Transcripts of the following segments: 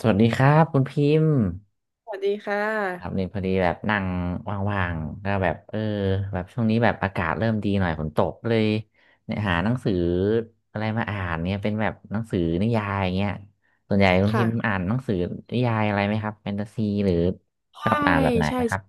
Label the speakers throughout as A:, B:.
A: สวัสดีครับคุณพิมพ์
B: สวัสดีค่ะ
A: ครับเนี่ยพอดีแบบนั่งว่างๆก็แบบเออแบบช่วงนี้แบบอากาศเริ่มดีหน่อยฝนตกเลยเนี่ยหาหนังสืออะไรมาอ่านเนี่ยเป็นแบบหนังสือนิยายเงี้ยส่วนใหญ่คุณพิ
B: ค่ะ
A: มพ์อ่านหนังสือนิยายอะไรไหมครับแฟนตาซีหรือชอ
B: ใช่
A: บอ่านแบบไหน
B: ใช่
A: ไหมครั
B: ใช่
A: บ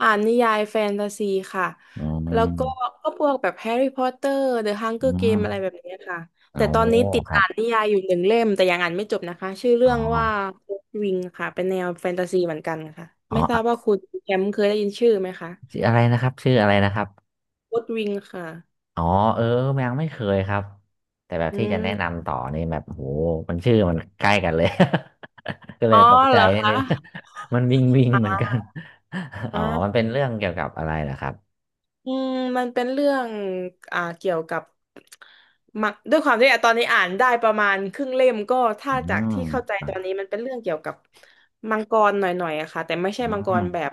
B: อ่านนิยายแฟนตาซีค่ะ
A: อื
B: แล้วก็
A: ม
B: พวกแบบแฮร์รี่พอตเตอร์เดอะฮังเกอ
A: อื
B: ร์เกมอะไรแบ
A: ม
B: บนี้ค่ะ
A: โอ้
B: แต่ตอนนี้ติด
A: ครั
B: อ่าน
A: บ
B: นิยายอยู่หนึ่งเล่มแต่ยังอ่านไม่จบนะคะชื่อเรื่
A: อ๋อ
B: องว่าวิงค่ะเป็นแนวแฟนตาซีเหมือนกันค่ะ
A: อ๋
B: ไม่ทราบ
A: อ
B: ว่าคุณแชมป์เคยได้ยินชื่อไหมคะ
A: ชื่ออะไรนะครับชื่ออะไรนะครับ
B: วอตวิงค่ะ
A: อ๋อเออยังไม่เคยครับแต่แบบ
B: อื
A: ที่จะแนะ
B: ม
A: นำต่อนี่แบบโหมันชื่อมันใกล้กันเลย ก็เล
B: อ๋อ
A: ยตกใจ
B: เหรอ
A: นิด
B: คะ
A: นึง มันวิงวิงเหมือนกัน อ๋อมัน
B: อ่า
A: เป็นเรื่องเกี่ยวกับอะไรเหรอครับ
B: อืมมันเป็นเรื่องเกี่ยวกับมักด้วยความที่อ่ะตอนนี้อ่านได้ประมาณครึ่งเล่มก็ถ้า
A: อื
B: จาก
A: ม
B: ที่เข้าใจ
A: อ
B: ตอนนี้มันเป็นเรื่องเกี่ยวกับมังกรหน่อยๆอะค่ะแต่ไม่ใช่มังก
A: ม
B: รแบบ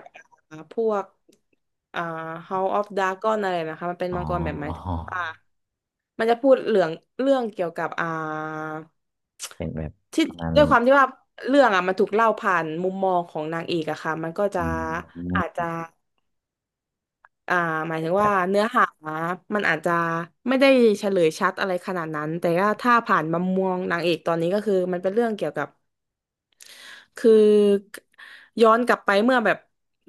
B: อ่าพวกอ่า House of Dragon อะไรนะคะมันเป็น
A: อ๋
B: มั
A: อ
B: งกรแบบหมายถึงว่ามันจะพูดเรื่องเกี่ยวกับ
A: เป็นแบบ
B: ที่
A: ประมาณ
B: ด้วยความที่ว่าเรื่องอ่ะมันถูกเล่าผ่านมุมมองของนางเอกอะค่ะมันก็จะ
A: อืม
B: อาจจะ อ่าหมายถึง
A: แบ
B: ว่า
A: บ
B: เนื้อหามันอาจจะไม่ได้เฉลยชัดอะไรขนาดนั้นแต่ว่าถ้าผ่านมามมองนางเอกตอนนี้ก็คือมันเป็นเรื่องเกี่ยวกับ คือย้อนกลับไปเมื่อแบบ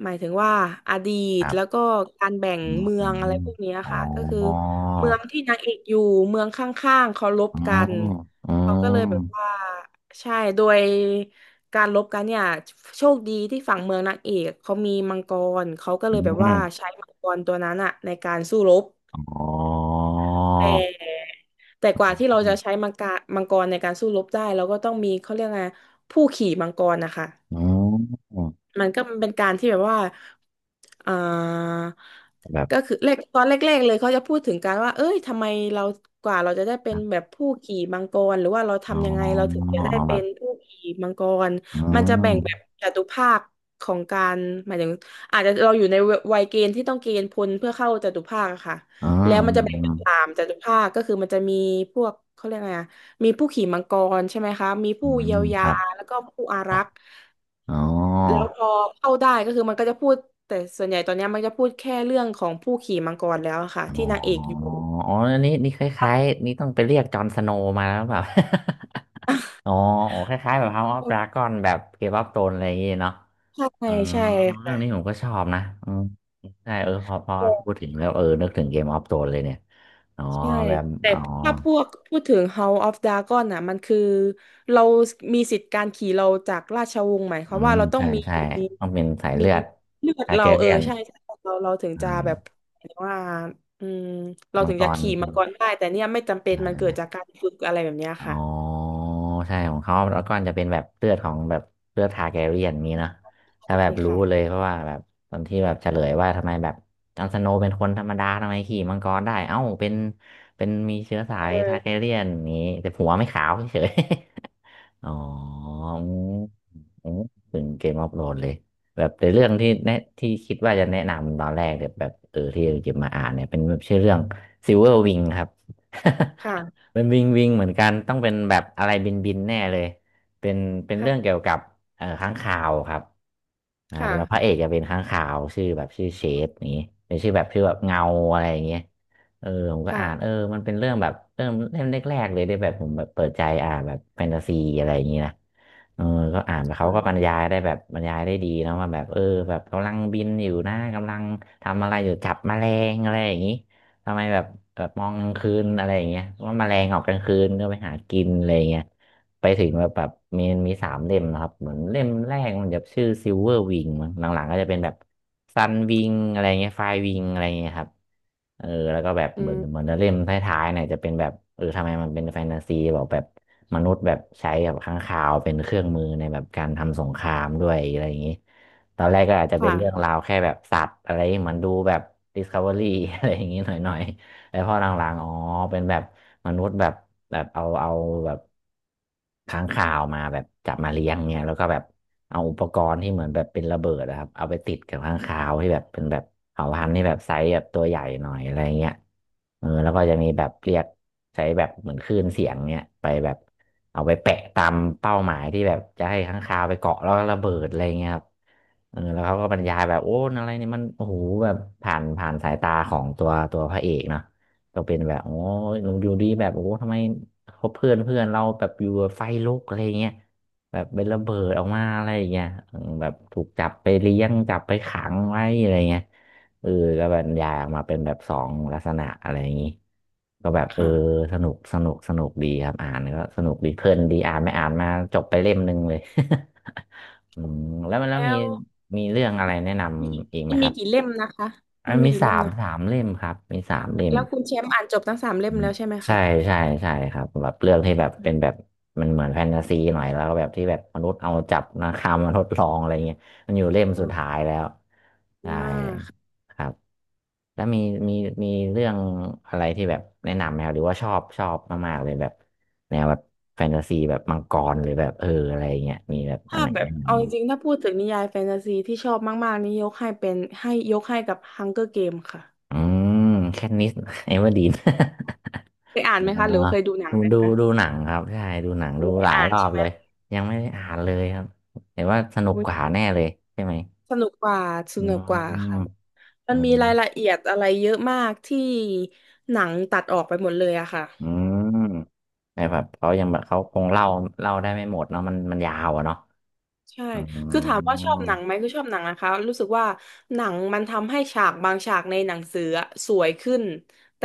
B: หมายถึงว่าอดี
A: ค
B: ต
A: รั
B: แล้ว
A: บ
B: ก็การแบ่ง
A: อืม
B: เมื
A: อ
B: องอะ
A: ม
B: ไรพวกเนี้ย
A: อ๋
B: ค่ะก็คือ
A: อ
B: เมืองที่นางเอกอยู่เมืองข้างๆเขาลบ
A: อื
B: กัน
A: มอื
B: เขาก็เลยแบบ
A: ม
B: ว่าใช่โดยการลบกันเนี่ยโชคดีที่ฝั่งเมืองนางเอกเขามีมังกรเขาก็เล
A: อื
B: ยแบบว่า
A: ม
B: ใช้มังกรตัวนั้นอะในการสู้รบ
A: อ๋อ
B: แต่แต่กว่าที่เราจะใช้มังกรในการสู้รบได้เราก็ต้องมีเขาเรียกไงผู้ขี่มังกรนะคะ
A: อืม
B: มันก็เป็นการที่แบบว่าเอ่า
A: แบบ
B: ก็คือแรกตอนแรกๆเลยเขาจะพูดถึงการว่าเอ้ยทำไมเรากว่าเราจะได้เป็นแบบผู้ขี่มังกรหรือว่าเรา
A: อ๋อ
B: ทำยังไงเราถึงจะได้
A: เอาแบ
B: เป็
A: บ
B: นผู้ขี่มังกร
A: อื
B: มันจะแบ่งแบบ
A: ม
B: จตุภาคของการหมายถึงอาจจะเราอยู่ในวัยเกณฑ์ที่ต้องเกณฑ์พลเพื่อเข้าจตุภาคอะค่ะ
A: อื
B: แล้ว
A: ม
B: มันจะแบ่ง
A: อื
B: เป็น
A: ม
B: สามจตุภาคก็คือมันจะมีพวกเขาเรียกไงอะมีผู้ขี่มังกรใช่ไหมคะมี
A: อื
B: ผู้เยี
A: ม
B: ยว
A: ค
B: ยา
A: รับ
B: แล้วก็ผู้อา
A: ค
B: รั
A: รับ
B: กษ์
A: อ๋อ
B: แล้วพอเข้าได้ก็คือมันก็จะพูดแต่ส่วนใหญ่ตอนเนี้ยมันจะพูดแค่เรื่องของผู้ขี่มังกรแล้วอะค่ะที่
A: อ๋อ
B: นางเอกอยู่
A: อ๋ออันนี้นี่คล้ายๆนี่ต้องไปเรียกจอห์นสโนว์มาแล้วแบบ อ๋อโอ๋คล้ายๆแบบ House of Dragon แบบเกมออฟโธรนอะไรอย่างงี้เนาะ
B: ใช่
A: อ๋อ
B: ใช่
A: เรื่องนี้ผม
B: ค่ะ
A: ก็ชอบนะอืมใช่เออพอพูดถึงแล้วเออนึกถึงเกมออฟโธรนเลยเนี่ยอ๋อ
B: ใช่
A: แบบ
B: แต่
A: อ๋อ
B: ถ้าพวกพูดถึง House of Dragon น่ะมันคือเรามีสิทธิ์การขี่เราจากราชวงศ์หมายค
A: อื
B: วาม
A: ม
B: ว่าเราต้อง
A: ใช่
B: มี
A: ใช่ต้องเป็นสาย
B: มี
A: เลือด
B: เลือด
A: อาร์แก
B: เราเอ
A: เรี
B: อ
A: ยน
B: ใช่ใช่เราถึง
A: อ่
B: จะแบบ
A: า
B: หมายถึงว่าอืมเรา
A: มัง
B: ถึง
A: ก
B: จะ
A: ร
B: ขี่
A: ใช่
B: มังกรได้แต่เนี่ยไม่จำเป็นมัน
A: ไห
B: เกิ
A: ม
B: ดจากการฝึกอะไรแบบเนี้ย
A: อ๋
B: ค่ะ
A: อใช่ของเขาแล้วกอนจะเป็นแบบเลือดของแบบเลือดทาร์แกเรียนนี้เนอะถ้าแบบ
B: ใช่
A: รู้
B: ค่ะ
A: เลยเพราะว่าแบบตอนที่แบบเฉลยว่าทำไมแบบจอห์นสโนว์เป็นคนธรรมดาทำไมขี่มังกรได้เอ้าเป็นมีเชื้อสาย
B: เออ
A: ทาร์แกเรียนนี้แต่หัวไม่ขาวเฉย อ๋ออืมอืมถึงเกมออฟโหลดเลยแบบในเรื่องที่แนะที่คิดว่าจะแนะนำตอนแรกเนี่ยแบบเออที่จะมาอ่านเนี่ยเป็นชื่อเรื่องซิลเวอร์วิงครับ
B: ค่ะ
A: เป็นวิงวิงเหมือนกันต้องเป็นแบบอะไรบินบินแน่เลยเป็นเป็นเรื่อง
B: ค่ะ
A: เกี่ยวกับค้างคาวครับ
B: ค่ะ
A: แล้วพระเอกจะเป็นค้างคาวชื่อแบบชื่อเชดนี้เป็นชื่อแบบชื่อแบบเงาอะไรอย่างเงี้ย เออผมก็อ่านเออ
B: ค่ะ
A: มันเป็นเรื่องแบบเริ่มเล่มแรกๆเลยได้แบบผมแบบเปิดใจอ่านแบบแฟนตาซีอะไรอย่างนี้นะเออก็อ่านไปเขา
B: ค่ะ
A: ก็บรรยายได้แบบบรรยายได้ดีเนอะว่าแบบเออแบบกำลังบินอยู่นะกำลังทำอะไรอยู่จับแมลงอะไรอย่างนี้ทำไมแบบแบบมองกลางคืนอะไรอย่างเงี้ยว่าแมลงออกกลางคืนก็ไปหากินอะไรอย่างเงี้ย ไปถึงแบบแบบมีสามเล่มนะครับเหมือนเล่มแรกมันจะชื่อซิลเวอร์วิงมั้งหลังๆก็จะเป็นแบบซันวิงอะไรเงี้ยไฟวิงอะไรเงี้ยครับเออแล้วก็แบบ
B: อื
A: เหมือนเหมือ
B: ม
A: นเล่มท้ายๆเนี่ยจะเป็นแบบเออทำไมมันเป็นแฟนตาซีบอกแบบมนุษย์แบบใช้แบบค้างคาวเป็นเครื่องมือในแบบการทำสงครามด้วยอะไรอย่างนี้ตอนแรกก็อาจจะเป็น
B: ค่ะ
A: เรื่องราวแค่แบบสัตว์อะไรเหมือนดูแบบ Discovery อะไรอย่างนี้หน่อย แล้วพอหลังๆอ๋อเป็นแบบมนุษย์แบบแบบเอาแบบค้างคาวมาแบบจับมาเลี้ยงเนี่ยแล้วก็แบบเอาอุปกรณ์ที่เหมือนแบบเป็นระเบิดนะครับ เอาไปติดกับค้างคาวที่แบบเป็นแบบเผ่าพันธุ์ที่แบบไซส์แบบตัวใหญ่หน่อยอะไรเงี้ยเออแล้วก็จะมีแบบเรียกใช้แบบเหมือนคลื่นเสียงเนี่ยไปแบบเอาไปแปะตามเป้าหมายที่แบบจะให้ค้างคาวไปเกาะแล้วก็ระเบิดอะไรเงี้ยครับเออแล้วเขาก็บรรยายแบบโอ้อะไรเนี่ยมันโอ้โหแบบผ่านสายตาของตัวพระเอกเนาะ ก็เป็นแบบโอ้ยอยู่ดีแบบโอ้โหทำไมเขาเพื่อนเพื่อนเราแบบอยู่แบบไฟลุกอะไรเงี้ยแบบเป็นระเบิดออกมาอะไรอย่างเงี้ยอืมแบบถูกจับไปเลี้ยงจับไปขังไว้อะไรเงี้ยเออก็บรรยายออกมาเป็นแบบสองลักษณะอะไรอย่างงี้ก็แบบเออ
B: ค่ะ
A: สนุกสนุกสนุกดีครับอ่านก็สนุกดีเพลินดีอ่านไม่อ่านมาจบไปเล่มหนึ่งเลย อืมแล้ว
B: แล้
A: มี
B: ว
A: มีเรื่องอะไรแนะน
B: มันมีกี่
A: ำอีกไห
B: มั
A: ม
B: น
A: ค
B: มี
A: รับ
B: กี่เล่มนะคะ
A: อั
B: มั
A: น
B: นมี
A: มี
B: กี่เล่ม
A: สาม
B: นะ
A: สามเล่มครับมีสามเล่ม
B: แล้วคุณแชมป์อ่านจบทั้งสามเล่
A: อื
B: ม
A: ม
B: แล้วใช่ไหม
A: ใช่
B: คะ
A: ใช่ใช่ครับแบบเรื่องที่แบบเป็นแบบมันเหมือนแฟนตาซีหน่อยแล้วก็แบบที่แบบมนุษย์เอาจับนาคามาทดลองอะไรเงี้ยมันอยู่เล่ม
B: อ๋
A: สุ
B: อ
A: ดท้ายแล้วใช่
B: อ่าค่ะ
A: ครับแล้วมีมีเรื่องอะไรที่แบบแนะนำไหมครับหรือว่าชอบชอบมากๆเลยแบบแนวแบบแฟนตาซีแบบมังกรหรือแบบอะไรเงี้ยมีแบบอัน
B: ถ้า
A: ไหน
B: แบบ
A: แนะน
B: เอาจริงๆถ้าพูดถึงนิยายแฟนตาซีที่ชอบมากๆนี่ยกให้เป็นให้ยกให้กับ Hunger Game ค่ะ
A: ำอืมแคทนิสเอเวอร์ดีน
B: เคยอ่าน
A: อ่
B: ไหมคะหรือว่าเคยดูหนัง
A: า
B: ไหม
A: ดู
B: คะ
A: ดูหนังครับใช่ดูหนังดู
B: ไม่ได้
A: หลาย
B: อ่า
A: ร
B: น
A: อ
B: ใช่
A: บ
B: ไหม
A: เลยยังไม่ได้อ่านเลยครับแต่ว่าสนุก
B: อุ๊ย
A: กว่าแน่เลยใช่ไหม
B: สนุกกว่าส
A: อื
B: นุกกว่า
A: ม
B: ค่ะมั
A: อื
B: นมี
A: ม
B: รายละเอียดอะไรเยอะมากที่หนังตัดออกไปหมดเลยอะค่ะ
A: อืมแต่แบบเขายังแบบเขาคงเล่าเล่าได้ไม่หมดเนาะมันยาวอะเนาะ
B: ใช่
A: อืม
B: คือถามว่าชอบหนังไหมคือชอบหนังนะคะ รู้สึกว่าหนังมันทำให้ฉากบางฉากในหนังสืออะสวยขึ้น แต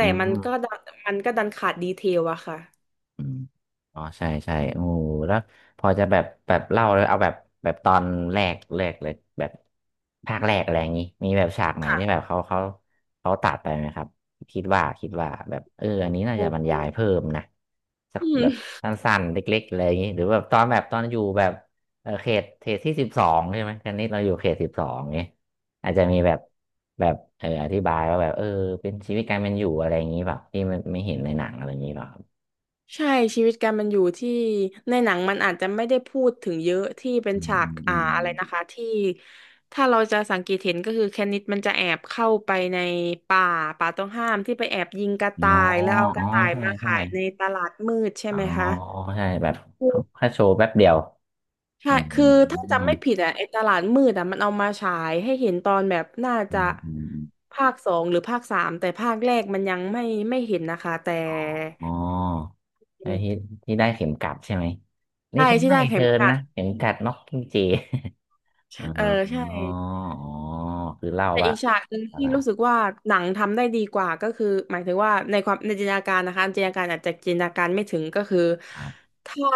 A: อื
B: ่มันก็
A: ม
B: ดันมันก็ดันขาดดีเทลอะค่ะ
A: อืมอ๋อใช่ใช่โอ้โหแล้วพอจะแบบแบบเล่าเลยเอาแบบแบบตอนแรกเลยแบบภาคแรกอะไรอย่างนี้มีแบบฉากไหนที่
B: ค่ะ
A: แบบเขาเขาตัดไปไหมครับคิดว่าแบบอันนี้น่าจะ
B: โอ้
A: บร ร
B: โห
A: ยายเพิ่มนะสัก
B: อื
A: แบบ
B: ม
A: สั้นๆเล็กๆอะไรอย่างนี้หรือแบบตอนแบบตอนอยู่แบบเขตที่สิบสองใช่ไหมตอนนี้เราอยู่เขตสิบสองเนี้ยอาจจะมีแบบแบบอธิบายว่าแบบเป็นชีวิตการเป็นอยู่อะไรอย่างนี้แบบที่ไม่เห็นในหนังอะไรอย่างนี้แบบ
B: ใช่ชีวิตการมันอยู่ที่ในหนังมันอาจจะไม่ได้พูดถึงเยอะที่เป็น
A: อืม
B: ฉา
A: อื
B: ก
A: มอืม
B: อะไรนะคะที่ถ้าเราจะสังเกตเห็นก็คือแคนิดมันจะแอบเข้าไปในป่าป่าต้องห้ามที่ไปแอบยิงกระ
A: อ๋
B: ต่า
A: อ
B: ยแล้วเอาก
A: อ๋อ
B: ระต่าย
A: ใช่
B: มา
A: ใช่
B: ขายในตลาดมืดใช่
A: อ๋อ
B: ไหมคะ
A: ใช่แบบแค่โชว์แป๊บเดียวอื
B: ใช่
A: ม
B: คือถ้า
A: อืม
B: จำไม่ผิดอ่ะไอ้ตลาดมืดอ่ะมันเอามาฉายให้เห็นตอนแบบน่า
A: อื
B: จะ
A: มอืม
B: ภาคสองหรือภาคสามแต่ภาคแรกมันยังไม่เห็นนะคะแต่
A: อ๋ออ๋อไอ้ที่ที่ได้เข็มกัดใช่ไหม นี่
B: ใช่
A: ฉัน
B: ที่
A: ให้
B: ได้
A: เธ
B: เข็
A: อ
B: มกั
A: นะ
B: ด
A: เข็มกัดน็อกกิ้งเจ อ๋อ
B: เออใช่
A: อ๋อ คือเล่า
B: แต่
A: ว่า
B: อีกฉากหนึ่ง
A: อะ
B: ที่
A: ไร
B: รู้สึกว่าหนังทำได้ดีกว่าก็คือหมายถึงว่าในความในจินตนาการนะคะจินตนาการไม่ถึงก็คือ
A: ครับ
B: ถ้า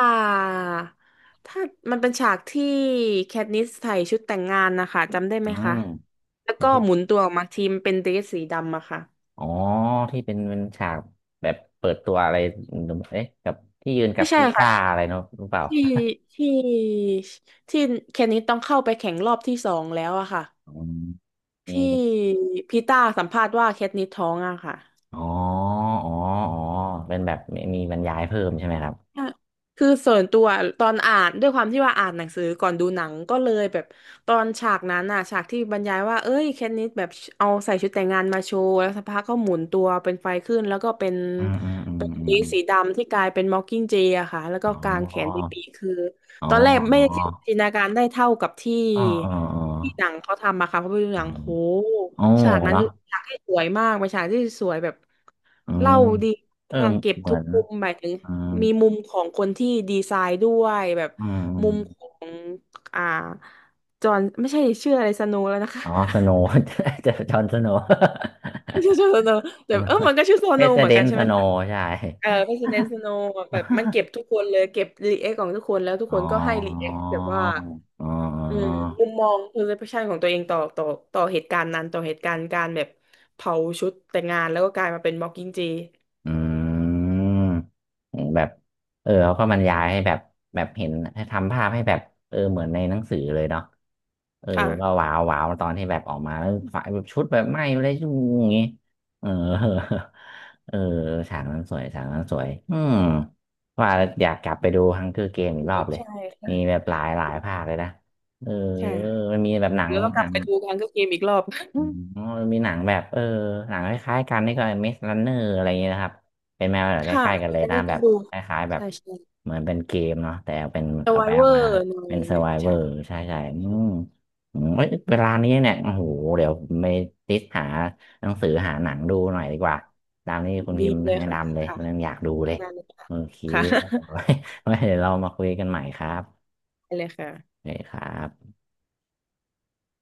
B: ถ้ามันเป็นฉากที่แคทนิสใส่ชุดแต่งงานนะคะจำได้ไห
A: อื
B: มคะ
A: ม
B: แล้ว
A: ใน
B: ก็
A: ชุด
B: หมุนตัวออกมาทีมเป็นเดรสสีดำอะค่ะ
A: อ๋อ ที่เป็นฉากแบบเปิดตัวอะไรเอ๊ะกับที่ยืนกับ
B: ไม่ใช่
A: พีต้า
B: ค่ะ
A: อะไรเนอะรู้เปล่า
B: ที่ที่ที่แคทนิสต้องเข้าไปแข่งรอบที่สองแล้วอะค่ะ
A: อืมมี
B: ที่
A: มี
B: พีต้าสัมภาษณ์ว่าแคทนิสท้องอะค่ะ
A: อ๋ออ๋ออ๋อเป็นแบบมีบรรยายเพิ่มใช่ไหมครับ
B: ใช่คือส่วนตัวตอนอ่านด้วยความที่ว่าอ่านหนังสือก่อนดูหนังก็เลยแบบตอนฉากนั้นน่ะฉากที่บรรยายว่าเอ้ยแคทนิสแบบเอาใส่ชุดแต่งงานมาโชว์แล้วสักพักก็หมุนตัวเป็นไฟขึ้นแล้วก็
A: อืมอืมอืม
B: เป็น
A: อืม
B: วิ
A: อ
B: ก
A: ม
B: สีดำที่กลายเป็นมอคกิ้งเจอะค่ะแล้วก็
A: อ๋
B: กางแข
A: อ
B: นไปปีกคือ
A: อ๋อ
B: ตอนแรกไม่ได้จินตนาการได้เท่ากับ
A: อ๋ออ๋ออ๋อ
B: ที่หนังเขาทำมะค่ะเพราะไปดู
A: อ๋
B: ห
A: อ
B: นังโห
A: อ๋อ
B: ฉากนั้น
A: เนาะ
B: คือฉากที่สวยมากเป็นฉากที่สวยแบบ
A: อื
B: เล่า
A: ม
B: ดี
A: เออ
B: มาก
A: เหม
B: เก็บ
A: ื
B: ทุ
A: อ
B: ก
A: น
B: มุมหมายถึง
A: อืม
B: มีมุมของคนที่ดีไซน์ด้วยแบบ
A: อืมอ
B: มุมขอ
A: ม
B: งอ่าจอห์นไม่ใช่ชื่ออะไรสโนว์แล้วนะคะ
A: อ๋อสโนว์ จะจอห์นสโนว์
B: ไม่ใช่ชื่อโซโนแต่เออมั นก็ชื่อโซ
A: เพ
B: โน
A: ส
B: เหมือ
A: เด
B: นกั
A: น
B: นใช่
A: ส
B: ไหม
A: โน
B: คะ
A: ว์ ใช่
B: เออพร e ซิเดน t ์สโนแบบมันเก็บทุก คนเลยเก็บรีแอคของทุกคนแล้วทุก
A: อ๋
B: ค
A: อ
B: นก็ให้รีแอคแบบว่า
A: อ๋อ
B: อืมมุมมอง perception ของตัวเองต่อต่อเหตุการณ์นั้นต่อเหตุการณ์การแบบเผาชุดแต่งงานแล้วก็กลายมาเป็น Mocking J
A: อืมโหแบบเออเขาก็บรรยายให้แบบแบบเห็นให้ทำภาพให้แบบเออเหมือนในหนังสือเลยเนาะเออ
B: ค่ะ
A: ก็ว้าวว้าวตอนที่แบบออกมาแล้วฝ่ายแบบชุดแบบไหม้เลยชุ่อย่างงี้เออ เออฉากนั้นสวยฉากนั้นสวยอืมว่าแล้วอยากกลับไปดูฮังเกอร์เกมอีกรอบเลย
B: ใช่
A: มี
B: ค่ะ
A: แบบหลายภาคเลยนะเออ
B: ใช่ค่ะ
A: มันมีแบบหนัง
B: แล้วก็ก
A: ห
B: ลั
A: นั
B: บ
A: ง
B: ไปดูการก็เกมอีกรอบ
A: อ๋อมันมีหนังแบบเออหนังคล้ายๆกันนี่ก็มิสลันเนอร์อะไรอย่างเงี้ยนะครับเป็นแมวแบบค
B: ค่ะ
A: ล้ายๆกัน
B: แล้
A: เล
B: ว
A: ยนะ
B: เนี่ย
A: แบ
B: ก็
A: บ
B: ดู
A: คล้ายๆแบบ
B: ใช่ใช่
A: เหมือนเป็นเกมเนาะแต่เป็น
B: ส
A: เอา
B: ไว
A: ไป
B: เว
A: เอา
B: อ
A: มา
B: ร์หน่อย
A: เป็นส u
B: เนี่ย
A: r วเวอ
B: ใช่
A: ร์ใช่ใช่อืมอืมเอ้ยเวลานี้เนี่ยโอ้โหเดี๋ยวไปติสหาหนังสือหาหนังดูหน่อยดีกว่าตามนี้คุณ
B: ดี
A: พิมพ์
B: เลย
A: แนะ
B: ค่ะ
A: นำเลย
B: ค่ะ
A: เรื่องอยากดูเลย
B: งานเลยค่ะ
A: โอเค
B: ค่ะ
A: ไว้ไว้เดี๋ยวเรามาคุยกันใหม่ครับ
B: ได้เลยค่ะ
A: โอเคครับ